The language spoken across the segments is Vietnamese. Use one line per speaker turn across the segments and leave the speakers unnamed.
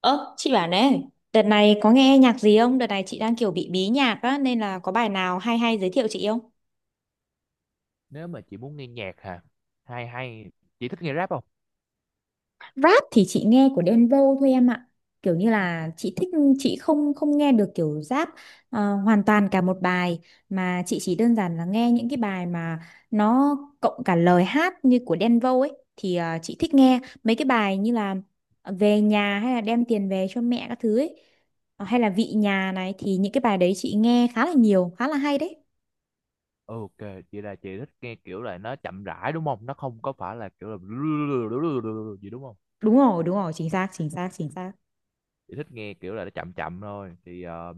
Ơ, chị bảo này, đợt này có nghe nhạc gì không? Đợt này chị đang kiểu bị bí nhạc á, nên là có bài nào hay hay giới thiệu chị không?
Nếu mà chị muốn nghe nhạc hả, hay hay chị thích nghe rap không?
Rap thì chị nghe của Đen Vâu thôi em ạ. Kiểu như là chị thích, chị không không nghe được kiểu rap hoàn toàn cả một bài, mà chị chỉ đơn giản là nghe những cái bài mà nó cộng cả lời hát như của Đen Vâu ấy thì chị thích nghe mấy cái bài như là về nhà hay là đem tiền về cho mẹ các thứ ấy. Ờ, hay là vị nhà này thì những cái bài đấy chị nghe khá là nhiều, khá là hay đấy.
Ok, chị là chị thích nghe kiểu là nó chậm rãi đúng không, nó không có phải là kiểu là gì đúng không?
Đúng rồi, đúng rồi, chính xác, chính xác, chính xác.
Chị thích nghe kiểu là nó chậm chậm thôi thì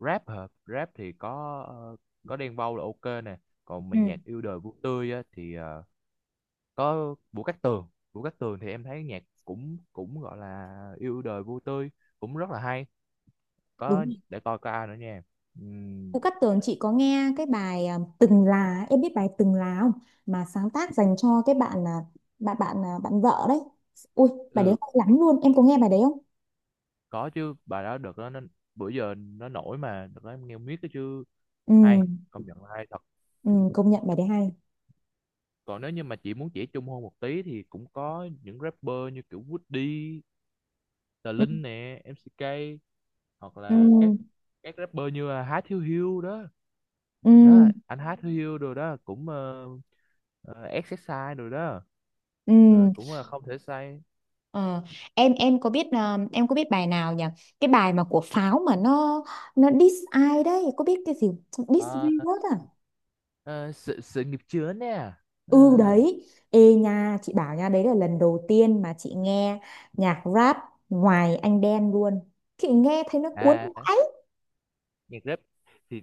rap hả? Rap thì có có Đen Vâu là ok nè. Còn
Ừ.
mình nhạc yêu đời vui tươi á, thì có Vũ Cát Tường. Vũ Cát Tường thì em thấy nhạc cũng cũng gọi là yêu đời vui tươi, cũng rất là hay.
Đúng
Có
rồi.
để coi có ai nữa nha.
Vũ
Ừm,
Cát Tường chị có nghe cái bài Từng Là, em biết bài Từng Là không, mà sáng tác dành cho cái bạn vợ đấy. Ui bài đấy
ừ,
hay lắm luôn, em có nghe bài đấy không?
có chứ, bài đó được đó, nó bữa giờ nó nổi mà, được đó, em nghe miết cái chứ.
Ừ,
Hay, công nhận là hay thật.
ừ công nhận bài đấy hay.
Còn nếu như mà chị muốn chỉ chung hơn một tí thì cũng có những rapper như kiểu Woody, Tờ
Ừ
Linh nè, MCK, hoặc
ừ
là các rapper như là Há Thiếu Hiếu đó,
ừ,
đó anh Há Thiếu Hiếu rồi đó, cũng exercise rồi đó,
ừ.
rồi cũng là không thể sai.
Ờ, em có biết em có biết bài nào nhỉ, cái bài mà của Pháo mà nó diss ai đấy, có biết cái gì, diss
Ờ,
virus à?
ờ, sự sự nghiệp chướng nè.
Ừ
Ờ,
đấy, ê nha, chị bảo nha, đấy là lần đầu tiên mà chị nghe nhạc rap ngoài anh đen luôn. Chị nghe thấy nó cuốn
à
vãi.
nhạc rap thì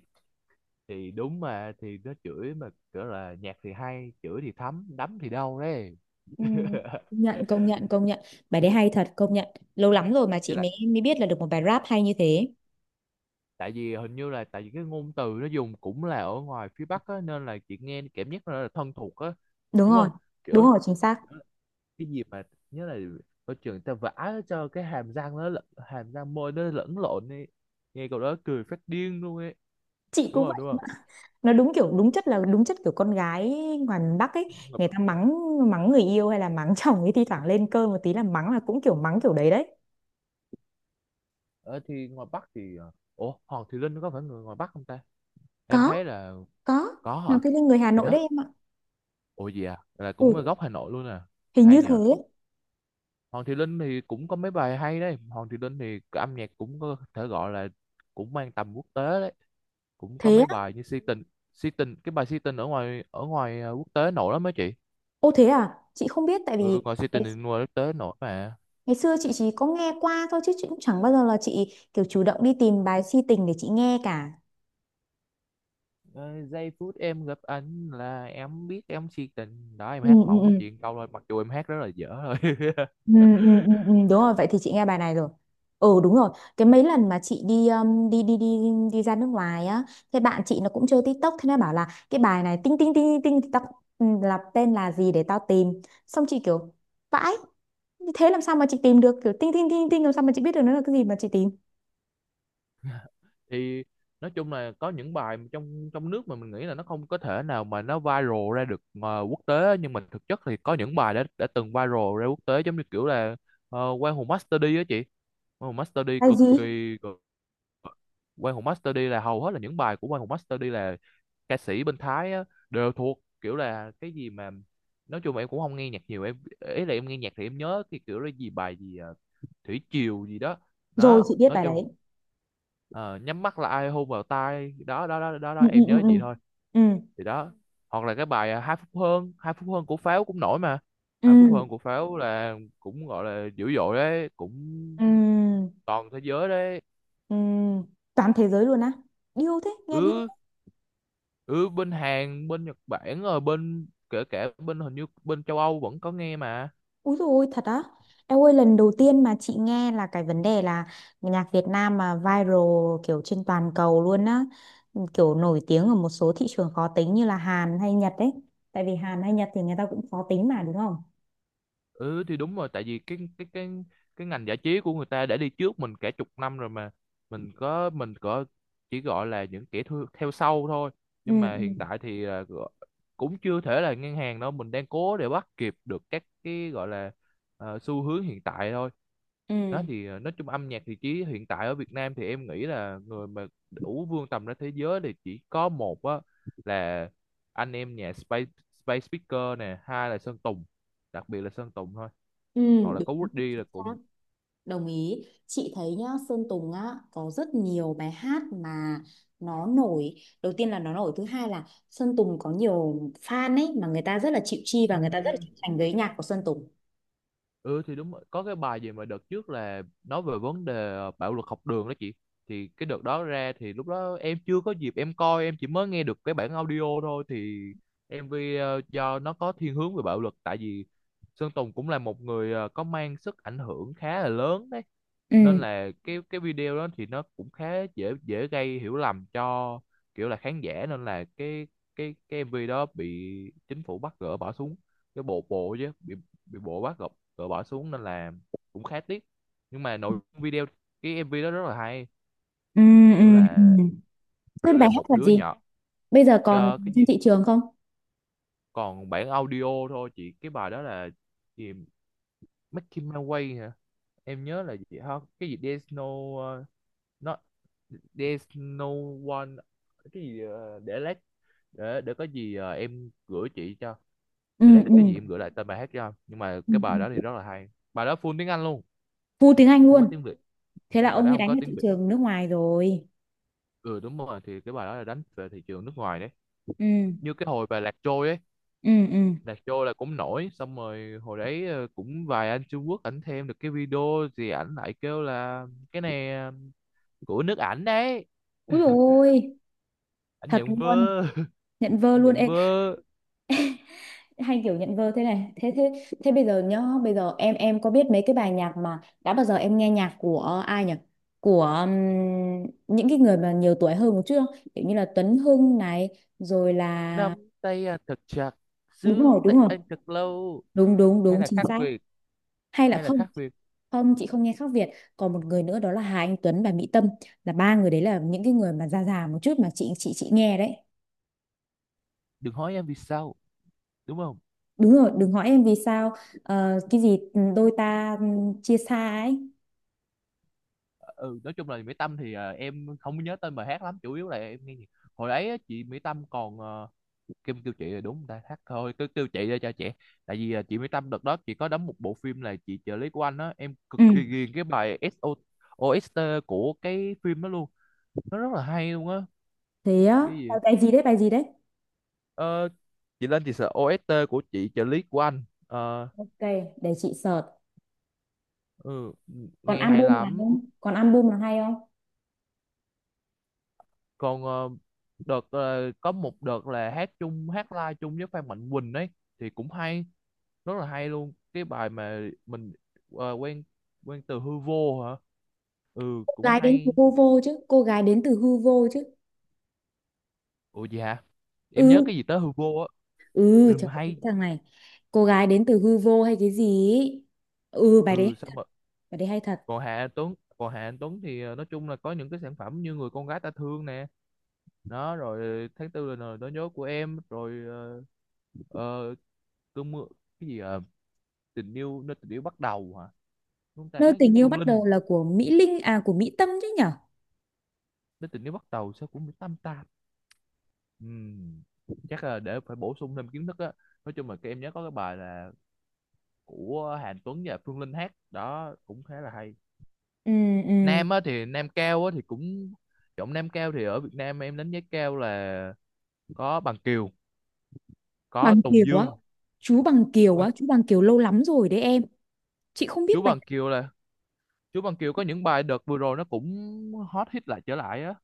đúng mà, thì nó chửi mà, kiểu là nhạc thì hay, chửi thì thấm đấm thì đau đấy.
Ừ. Công nhận, công nhận, công nhận, bài đấy hay thật công nhận, lâu lắm rồi mà
Với
chị
lại
mới mới biết là được một bài rap hay như thế.
tại vì hình như là tại vì cái ngôn từ nó dùng cũng là ở ngoài phía Bắc á, nên là chị nghe cảm giác nó là thân thuộc á,
Đúng
đúng
rồi,
không?
đúng
Kiểu
rồi, chính xác.
cái gì mà, nhớ là ở trường người ta vả cho cái hàm răng nó hàm răng môi nó lẫn lộn đi, nghe cậu đó cười phát điên luôn ấy,
Chị
đúng
cũng
không
vậy.
đúng không?
Nó đúng kiểu, đúng chất, là đúng chất kiểu con gái ngoài miền Bắc ấy. Người ta mắng mắng người yêu hay là mắng chồng ấy, thi thoảng lên cơn một tí là mắng, là cũng kiểu mắng kiểu đấy đấy.
Ở thì ngoài Bắc thì ủa Hoàng Thùy Linh có phải người ngoài Bắc không ta, em
Có,
thấy là
có.
có hả?
Hoàng Thùy Linh người Hà
Thì
Nội đấy
đó.
em ạ.
Ủa gì à? Là cũng
Ừ,
gốc Hà Nội luôn à.
hình
Hay
như
nhờ.
thế.
Hoàng Thùy Linh thì cũng có mấy bài hay đấy. Hoàng Thùy Linh thì âm nhạc cũng có thể gọi là cũng mang tầm quốc tế đấy. Cũng có
Thế
mấy
á?
bài như Si Tình, Si Tình, cái bài Si Tình ở quốc tế nổi lắm mấy chị.
Ô thế à? Chị không biết, tại
Ừ,
vì
ngoài Si
ngày,
Tình thì ngoài quốc tế nổi mà.
ngày xưa chị chỉ có nghe qua thôi, chứ chị cũng chẳng bao giờ là chị kiểu chủ động đi tìm bài si tình để chị nghe cả.
Ờ, giây phút em gặp anh là em biết em si tình đó, em
Ừ,
hát
ừ,
mẫu
ừ.
chuyện câu thôi, mặc dù em hát rất là dở thôi.
Ừ, ừ, ừ, ừ, đúng rồi, vậy thì chị nghe bài này rồi. Ừ đúng rồi, cái mấy lần mà chị đi đi đi đi đi ra nước ngoài á, thế bạn chị nó cũng chơi TikTok, thế nó bảo là cái bài này tinh tinh tinh tinh tinh tao, ừ, là tên là gì để tao tìm. Xong chị kiểu vãi, thế làm sao mà chị tìm được kiểu tinh tinh tinh tinh, làm sao mà chị biết được nó là cái gì mà chị tìm.
Thì nói chung là có những bài mà trong trong nước mà mình nghĩ là nó không có thể nào mà nó viral ra được quốc tế, nhưng mà thực chất thì có những bài đã từng viral ra quốc tế, giống như kiểu là Quang Hùng Master D á chị. Quang Hùng Master D
Bài
cực
gì?
kỳ Quang Hùng Master D là hầu hết là những bài của Quang Hùng Master D là ca sĩ bên Thái á, đều thuộc kiểu là cái gì mà, nói chung là em cũng không nghe nhạc nhiều em, ý là em nghe nhạc thì em nhớ cái kiểu là gì, bài gì thủy triều gì đó
Rồi
đó.
chị biết
Nói
bài
chung
đấy.
ờ, nhắm mắt là ai hôn vào tai đó đó đó đó đó,
Ừ ừ
em nhớ
ừ
vậy thôi.
ừ.
Thì đó, hoặc là cái bài hai phút hơn, hai phút hơn của Pháo cũng nổi mà.
Ừ
Hai phút
ừ
hơn của Pháo là cũng gọi là dữ dội đấy, cũng
ừ.
toàn thế giới đấy.
Ừ. Toàn thế giới luôn á. Điêu thế, nghe điêu.
Ừ, ừ bên Hàn bên Nhật Bản rồi bên kể cả bên hình như bên châu Âu vẫn có nghe mà.
Úi dồi ôi, thật á. Em ơi lần đầu tiên mà chị nghe là cái vấn đề là nhạc Việt Nam mà viral kiểu trên toàn cầu luôn á. Kiểu nổi tiếng ở một số thị trường khó tính như là Hàn hay Nhật ấy. Tại vì Hàn hay Nhật thì người ta cũng khó tính mà đúng không?
Ừ thì đúng rồi, tại vì cái ngành giải trí của người ta đã đi trước mình cả chục năm rồi mà, mình có chỉ gọi là những kẻ thu, theo sau thôi.
Ừ
Nhưng mà
ừ
hiện tại thì cũng chưa thể là ngang hàng đâu, mình đang cố để bắt kịp được các cái gọi là xu hướng hiện tại thôi. Đó
ừ.
thì nói chung âm nhạc thì chỉ hiện tại ở Việt Nam thì em nghĩ là người mà đủ vươn tầm ra thế giới thì chỉ có một á, là anh em nhà Space, Space Speaker nè, hai là Sơn Tùng, đặc biệt là Sơn Tùng thôi, hoặc
Ừ.
là có Woody là cùng.
Đúng. Đồng ý, chị thấy nhá, Sơn Tùng á có rất nhiều bài hát mà nó nổi. Đầu tiên là nó nổi, thứ hai là Sơn Tùng có nhiều fan ấy, mà người ta rất là chịu chi
Ừ.
và người ta rất là chịu thành với nhạc của Sơn Tùng.
Ừ thì đúng rồi. Có cái bài gì mà đợt trước là nói về vấn đề bạo lực học đường đó chị. Thì cái đợt đó ra thì lúc đó em chưa có dịp em coi, em chỉ mới nghe được cái bản audio thôi thì MV do nó có thiên hướng về bạo lực, tại vì Sơn Tùng cũng là một người có mang sức ảnh hưởng khá là lớn đấy.
Ừ
Nên là cái video đó thì nó cũng khá dễ dễ gây hiểu lầm cho kiểu là khán giả, nên là cái em MV đó bị chính phủ bắt gỡ bỏ xuống, cái bộ bộ chứ bị bộ bắt gỡ bỏ xuống, nên là cũng khá tiếc. Nhưng mà nội dung video, cái MV đó rất là hay,
ừ
kiểu
ừ ừ.
là kiểu
Sơn bài
là
hát
một
là
đứa
gì,
nhỏ.
bây giờ còn
Ờ, cái
trên
gì,
thị trường không?
còn bản audio thôi chị. Cái bài đó là gì, Make My Way hả? Em nhớ là gì hả, cái gì, There's no uh, not, There's no one, cái gì để lát, để có gì em gửi chị cho,
Ừ
để lát
ừ
cái gì em gửi lại tên bài hát cho. Nhưng mà
ừ
cái bài đó thì
ừ.
rất là hay, bài đó full tiếng Anh luôn,
Full tiếng Anh
không có
luôn,
tiếng Việt,
thế là
bài
ông
đó
ấy
không
đánh
có
vào
tiếng
thị
Việt.
trường nước ngoài rồi.
Ừ đúng rồi, thì cái bài đó là đánh về thị trường nước ngoài đấy,
Ừ
như cái hồi bài Lạc Trôi ấy.
ừ ừ.
Lạc Trôi là cũng nổi, xong rồi hồi đấy cũng vài anh Trung Quốc ảnh thêm được cái video gì, ảnh lại kêu là cái này của nước ảnh đấy,
Ui ôi,
ảnh
thật
nhận
luôn,
vơ.
nhận vơ
Ảnh
luôn.
nhận
Ê,
vơ
hay kiểu nhận vơ thế này thế thế, thế bây giờ nhá, bây giờ em có biết mấy cái bài nhạc mà đã bao giờ em nghe nhạc của ai nhỉ, của những cái người mà nhiều tuổi hơn một chút không, kiểu như là Tuấn Hưng này, rồi là
nắm tay anh thật chặt,
đúng
giữ
rồi, đúng
tay
rồi,
anh thật lâu,
đúng đúng
hay
đúng
là
chính
khác
xác.
biệt,
Hay là
hay là
không?
khác biệt,
Không, chị không nghe khác Việt. Còn một người nữa đó là Hà Anh Tuấn và Mỹ Tâm, là ba người đấy là những cái người mà già già một chút mà chị nghe đấy.
đừng hỏi em vì sao đúng không.
Đúng rồi, đừng hỏi em vì sao. Ờ, cái gì, đôi ta chia xa ấy.
Ừ nói chung là Mỹ Tâm thì em không nhớ tên bài hát lắm, chủ yếu là em nghe nhạc hồi đấy á, chị Mỹ Tâm còn kim kêu chị là đúng người ta thắt thôi cứ kêu chị ra cho chị, tại vì chị Mỹ Tâm đợt đó chị có đóng một bộ phim là chị trợ lý của anh á, em cực kỳ
Ừ
ghiền cái bài SO OST của cái phim đó luôn, nó rất là hay luôn á.
thế á,
Cái gì
bài bài gì đấy, bài gì đấy?
ờ, chị lên chị sợ OST của chị trợ lý của anh. Ờ,
Ok để chị search.
ừ,
Còn
nghe hay
album là
lắm.
không, còn album là hay không?
Còn có một đợt là hát chung, hát live chung với Phan Mạnh Quỳnh ấy thì cũng hay, rất là hay luôn, cái bài mà mình ờ, quen quen từ hư vô hả. Ừ
Cô
cũng
gái đến từ
hay.
hư vô chứ, cô gái đến từ hư vô chứ.
Ủa dạ, em nhớ
Ừ,
cái gì tới hư vô á.
ừ
Ừ,
trời
mà
ơi, cái
hay.
thằng này, cô gái đến từ hư vô hay cái gì ý. Ừ bài đấy,
Ừ sao mà.
bài đấy hay thật.
Còn Hạ Anh Tuấn thì nói chung là có những cái sản phẩm như người con gái ta thương nè. Đó rồi tháng tư là lời nói nhớ của em, rồi ờ, cơn mưa, cái gì tình yêu, nơi tình yêu bắt đầu hả, chúng ta
Nơi
hát với
tình yêu
Phương
bắt
Linh.
đầu là của Mỹ Linh à, của Mỹ Tâm chứ nhở?
Nơi tình yêu bắt đầu sao cũng tam ta. Ừm, chắc là để phải bổ sung thêm kiến thức á, nói chung là cái em nhớ có cái bài là của Hàn Tuấn và Phương Linh hát đó cũng khá là hay.
Ừ ừ.
Nam á thì Nam Cao á thì cũng, giọng Nam Cao thì ở Việt Nam em đánh giá cao là có Bằng Kiều, có
Bằng
Tùng
Kiều á,
Dương.
chú Bằng Kiều
Bằng,
á, chú Bằng Kiều lâu lắm rồi đấy em, chị không biết
chú
bài,
Bằng Kiều là, chú Bằng Kiều có những bài đợt vừa rồi nó cũng hot hit lại trở lại á,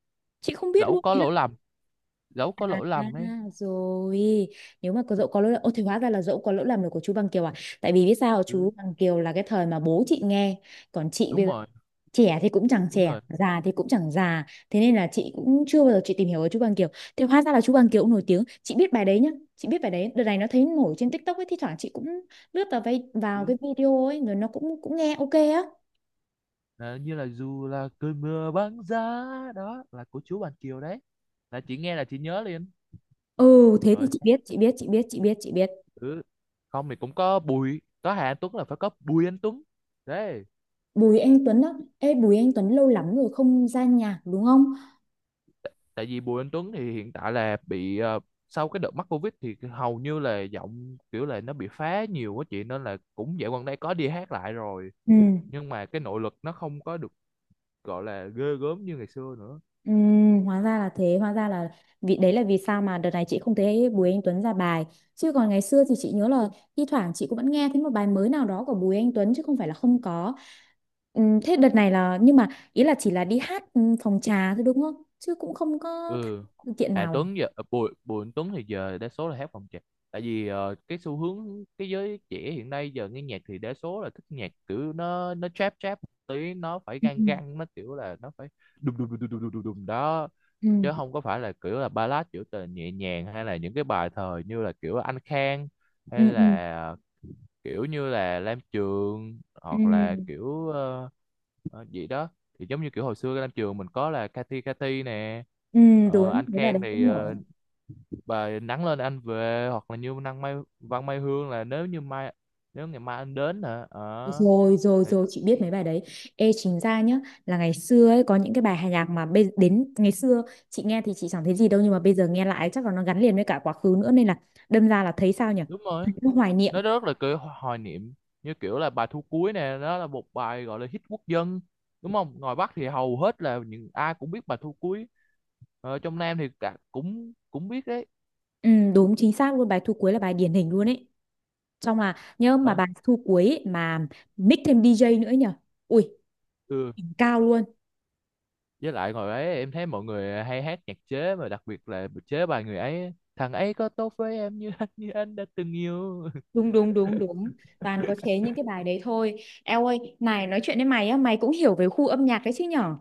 chị không biết
dẫu
luôn
có
ý là.
lỗi lầm, dẫu có
À,
lỗi lầm ấy.
rồi nếu mà có dẫu có lỗi là ô thì hóa ra là dẫu có lỗi làm được của chú Bằng Kiều à. Tại vì biết sao,
Ừ,
chú Bằng Kiều là cái thời mà bố chị nghe, còn chị bây
đúng
giờ
rồi
trẻ thì cũng chẳng
đúng
trẻ,
rồi.
già thì cũng chẳng già, thế nên là chị cũng chưa bao giờ chị tìm hiểu về chú Bằng Kiều. Thì hóa ra là chú Bằng Kiều cũng nổi tiếng, chị biết bài đấy nhá, chị biết bài đấy, đợt này nó thấy nổi trên TikTok ấy, thi thoảng chị cũng lướt vào
Ừ.
cái video ấy, rồi nó cũng cũng nghe ok á.
Ờ, như là dù là cơn mưa băng giá, đó là của chú Bàn Kiều đấy, là chị nghe là chị nhớ liền.
Ừ thế thì
Rồi
chị biết chị biết chị biết chị biết chị biết
ừ. Không thì cũng có Bùi có Hà Anh Tuấn là phải có Bùi Anh Tuấn đấy.
Bùi Anh Tuấn á, ê Bùi Anh Tuấn lâu lắm rồi không ra nhạc đúng không?
Tại vì Bùi Anh Tuấn thì hiện tại là bị sau cái đợt mắc Covid thì hầu như là giọng kiểu là nó bị phá nhiều quá chị, nên là cũng dạo gần đây có đi hát lại rồi,
Ừ.
nhưng mà cái nội lực nó không có được gọi là ghê gớm như ngày xưa nữa.
Ừ, hóa ra là thế, hóa ra là vì đấy là vì sao mà đợt này chị không thấy Bùi Anh Tuấn ra bài, chứ còn ngày xưa thì chị nhớ là thi thoảng chị cũng vẫn nghe thấy một bài mới nào đó của Bùi Anh Tuấn chứ không phải là không có. Ừ, thế đợt này là, nhưng mà ý là chỉ là đi hát phòng trà thôi đúng không, chứ cũng không có tham
Ừ
gia sự kiện
Hà
nào?
Tuấn giờ ờ, Bùi Bùi Anh Tuấn thì giờ đa số là hát phòng trà, tại vì cái xu hướng cái giới trẻ hiện nay giờ nghe nhạc thì đa số là thích nhạc kiểu nó trap trap một tí, nó phải
Ừ,
gan gan nó kiểu là nó phải đùng đùng đùng đùng đùng đùng đùng đó, chứ
ừ,
không có phải là kiểu là ballad kiểu tờ nhẹ nhàng, hay là những cái bài thời như là kiểu Anh Khang, hay
ừ, ừ,
là kiểu như là lam trường,
ừ,
hoặc là
ừ,
kiểu gì đó, thì giống như kiểu hồi xưa lam trường mình có là Cathy Cathy nè.
ừ,
Ờ,
đúng,
anh
thế là
Khang
đấy
thì
cũng nổi.
bà nắng lên anh về, hoặc là như năng Mai Văn Mai Hương là nếu như mai, nếu ngày mai anh đến hả ờ
Rồi rồi
thì-
rồi chị biết mấy bài đấy. Ê chính ra nhá, là ngày xưa ấy có những cái bài nhạc mà đến ngày xưa chị nghe thì chị chẳng thấy gì đâu, nhưng mà bây giờ nghe lại chắc là nó gắn liền với cả quá khứ nữa, nên là đâm ra là thấy sao nhỉ,
đúng rồi,
nó hoài niệm.
nó rất là kiểu hoài niệm, như kiểu là bài Thu Cuối nè, đó là một bài gọi là hit quốc dân đúng không, ngoài Bắc thì hầu hết là những ai cũng biết bài Thu Cuối, trong Nam thì cả cũng cũng biết đấy.
Ừ, đúng chính xác luôn, bài thu cuối là bài điển hình luôn ấy, xong là nhớ mà
Ờ.
bài thu cuối ấy, mà mix thêm DJ nữa ấy nhỉ, ui
Ừ.
đỉnh cao luôn.
Với lại hồi ấy em thấy mọi người hay hát nhạc chế, mà đặc biệt là chế bài người ấy thằng ấy có tốt với em như anh như anh đã từng yêu.
Đúng đúng đúng đúng, toàn có chế những cái bài đấy thôi. Eo ơi này, nói chuyện với mày á, mày cũng hiểu về khu âm nhạc đấy chứ nhở?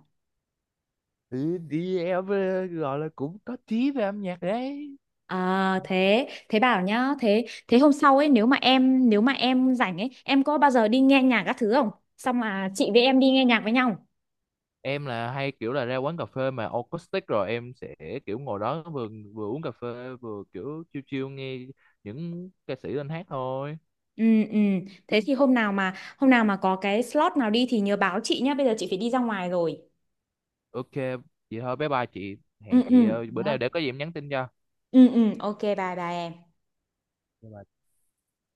Ừ, thì em gọi là cũng có tí về âm nhạc đấy.
À thế, thế bảo nhá, thế thế hôm sau ấy nếu mà em, nếu mà em rảnh ấy, em có bao giờ đi nghe nhạc các thứ không? Xong là chị với em đi nghe nhạc với nhau.
Em là hay kiểu là ra quán cà phê mà acoustic rồi em sẽ kiểu ngồi đó vừa, vừa uống cà phê, vừa kiểu chill chill nghe những ca sĩ lên hát thôi.
Ừ ừ, thế thì hôm nào mà có cái slot nào đi thì nhớ báo chị nhá, bây giờ chị phải đi ra ngoài rồi.
Ok, vậy thôi bye bye chị,
Ừ
hẹn chị
ừ.
bữa
Đó.
nào để có gì em nhắn tin cho.
Ừ ừ, ok bye bye em.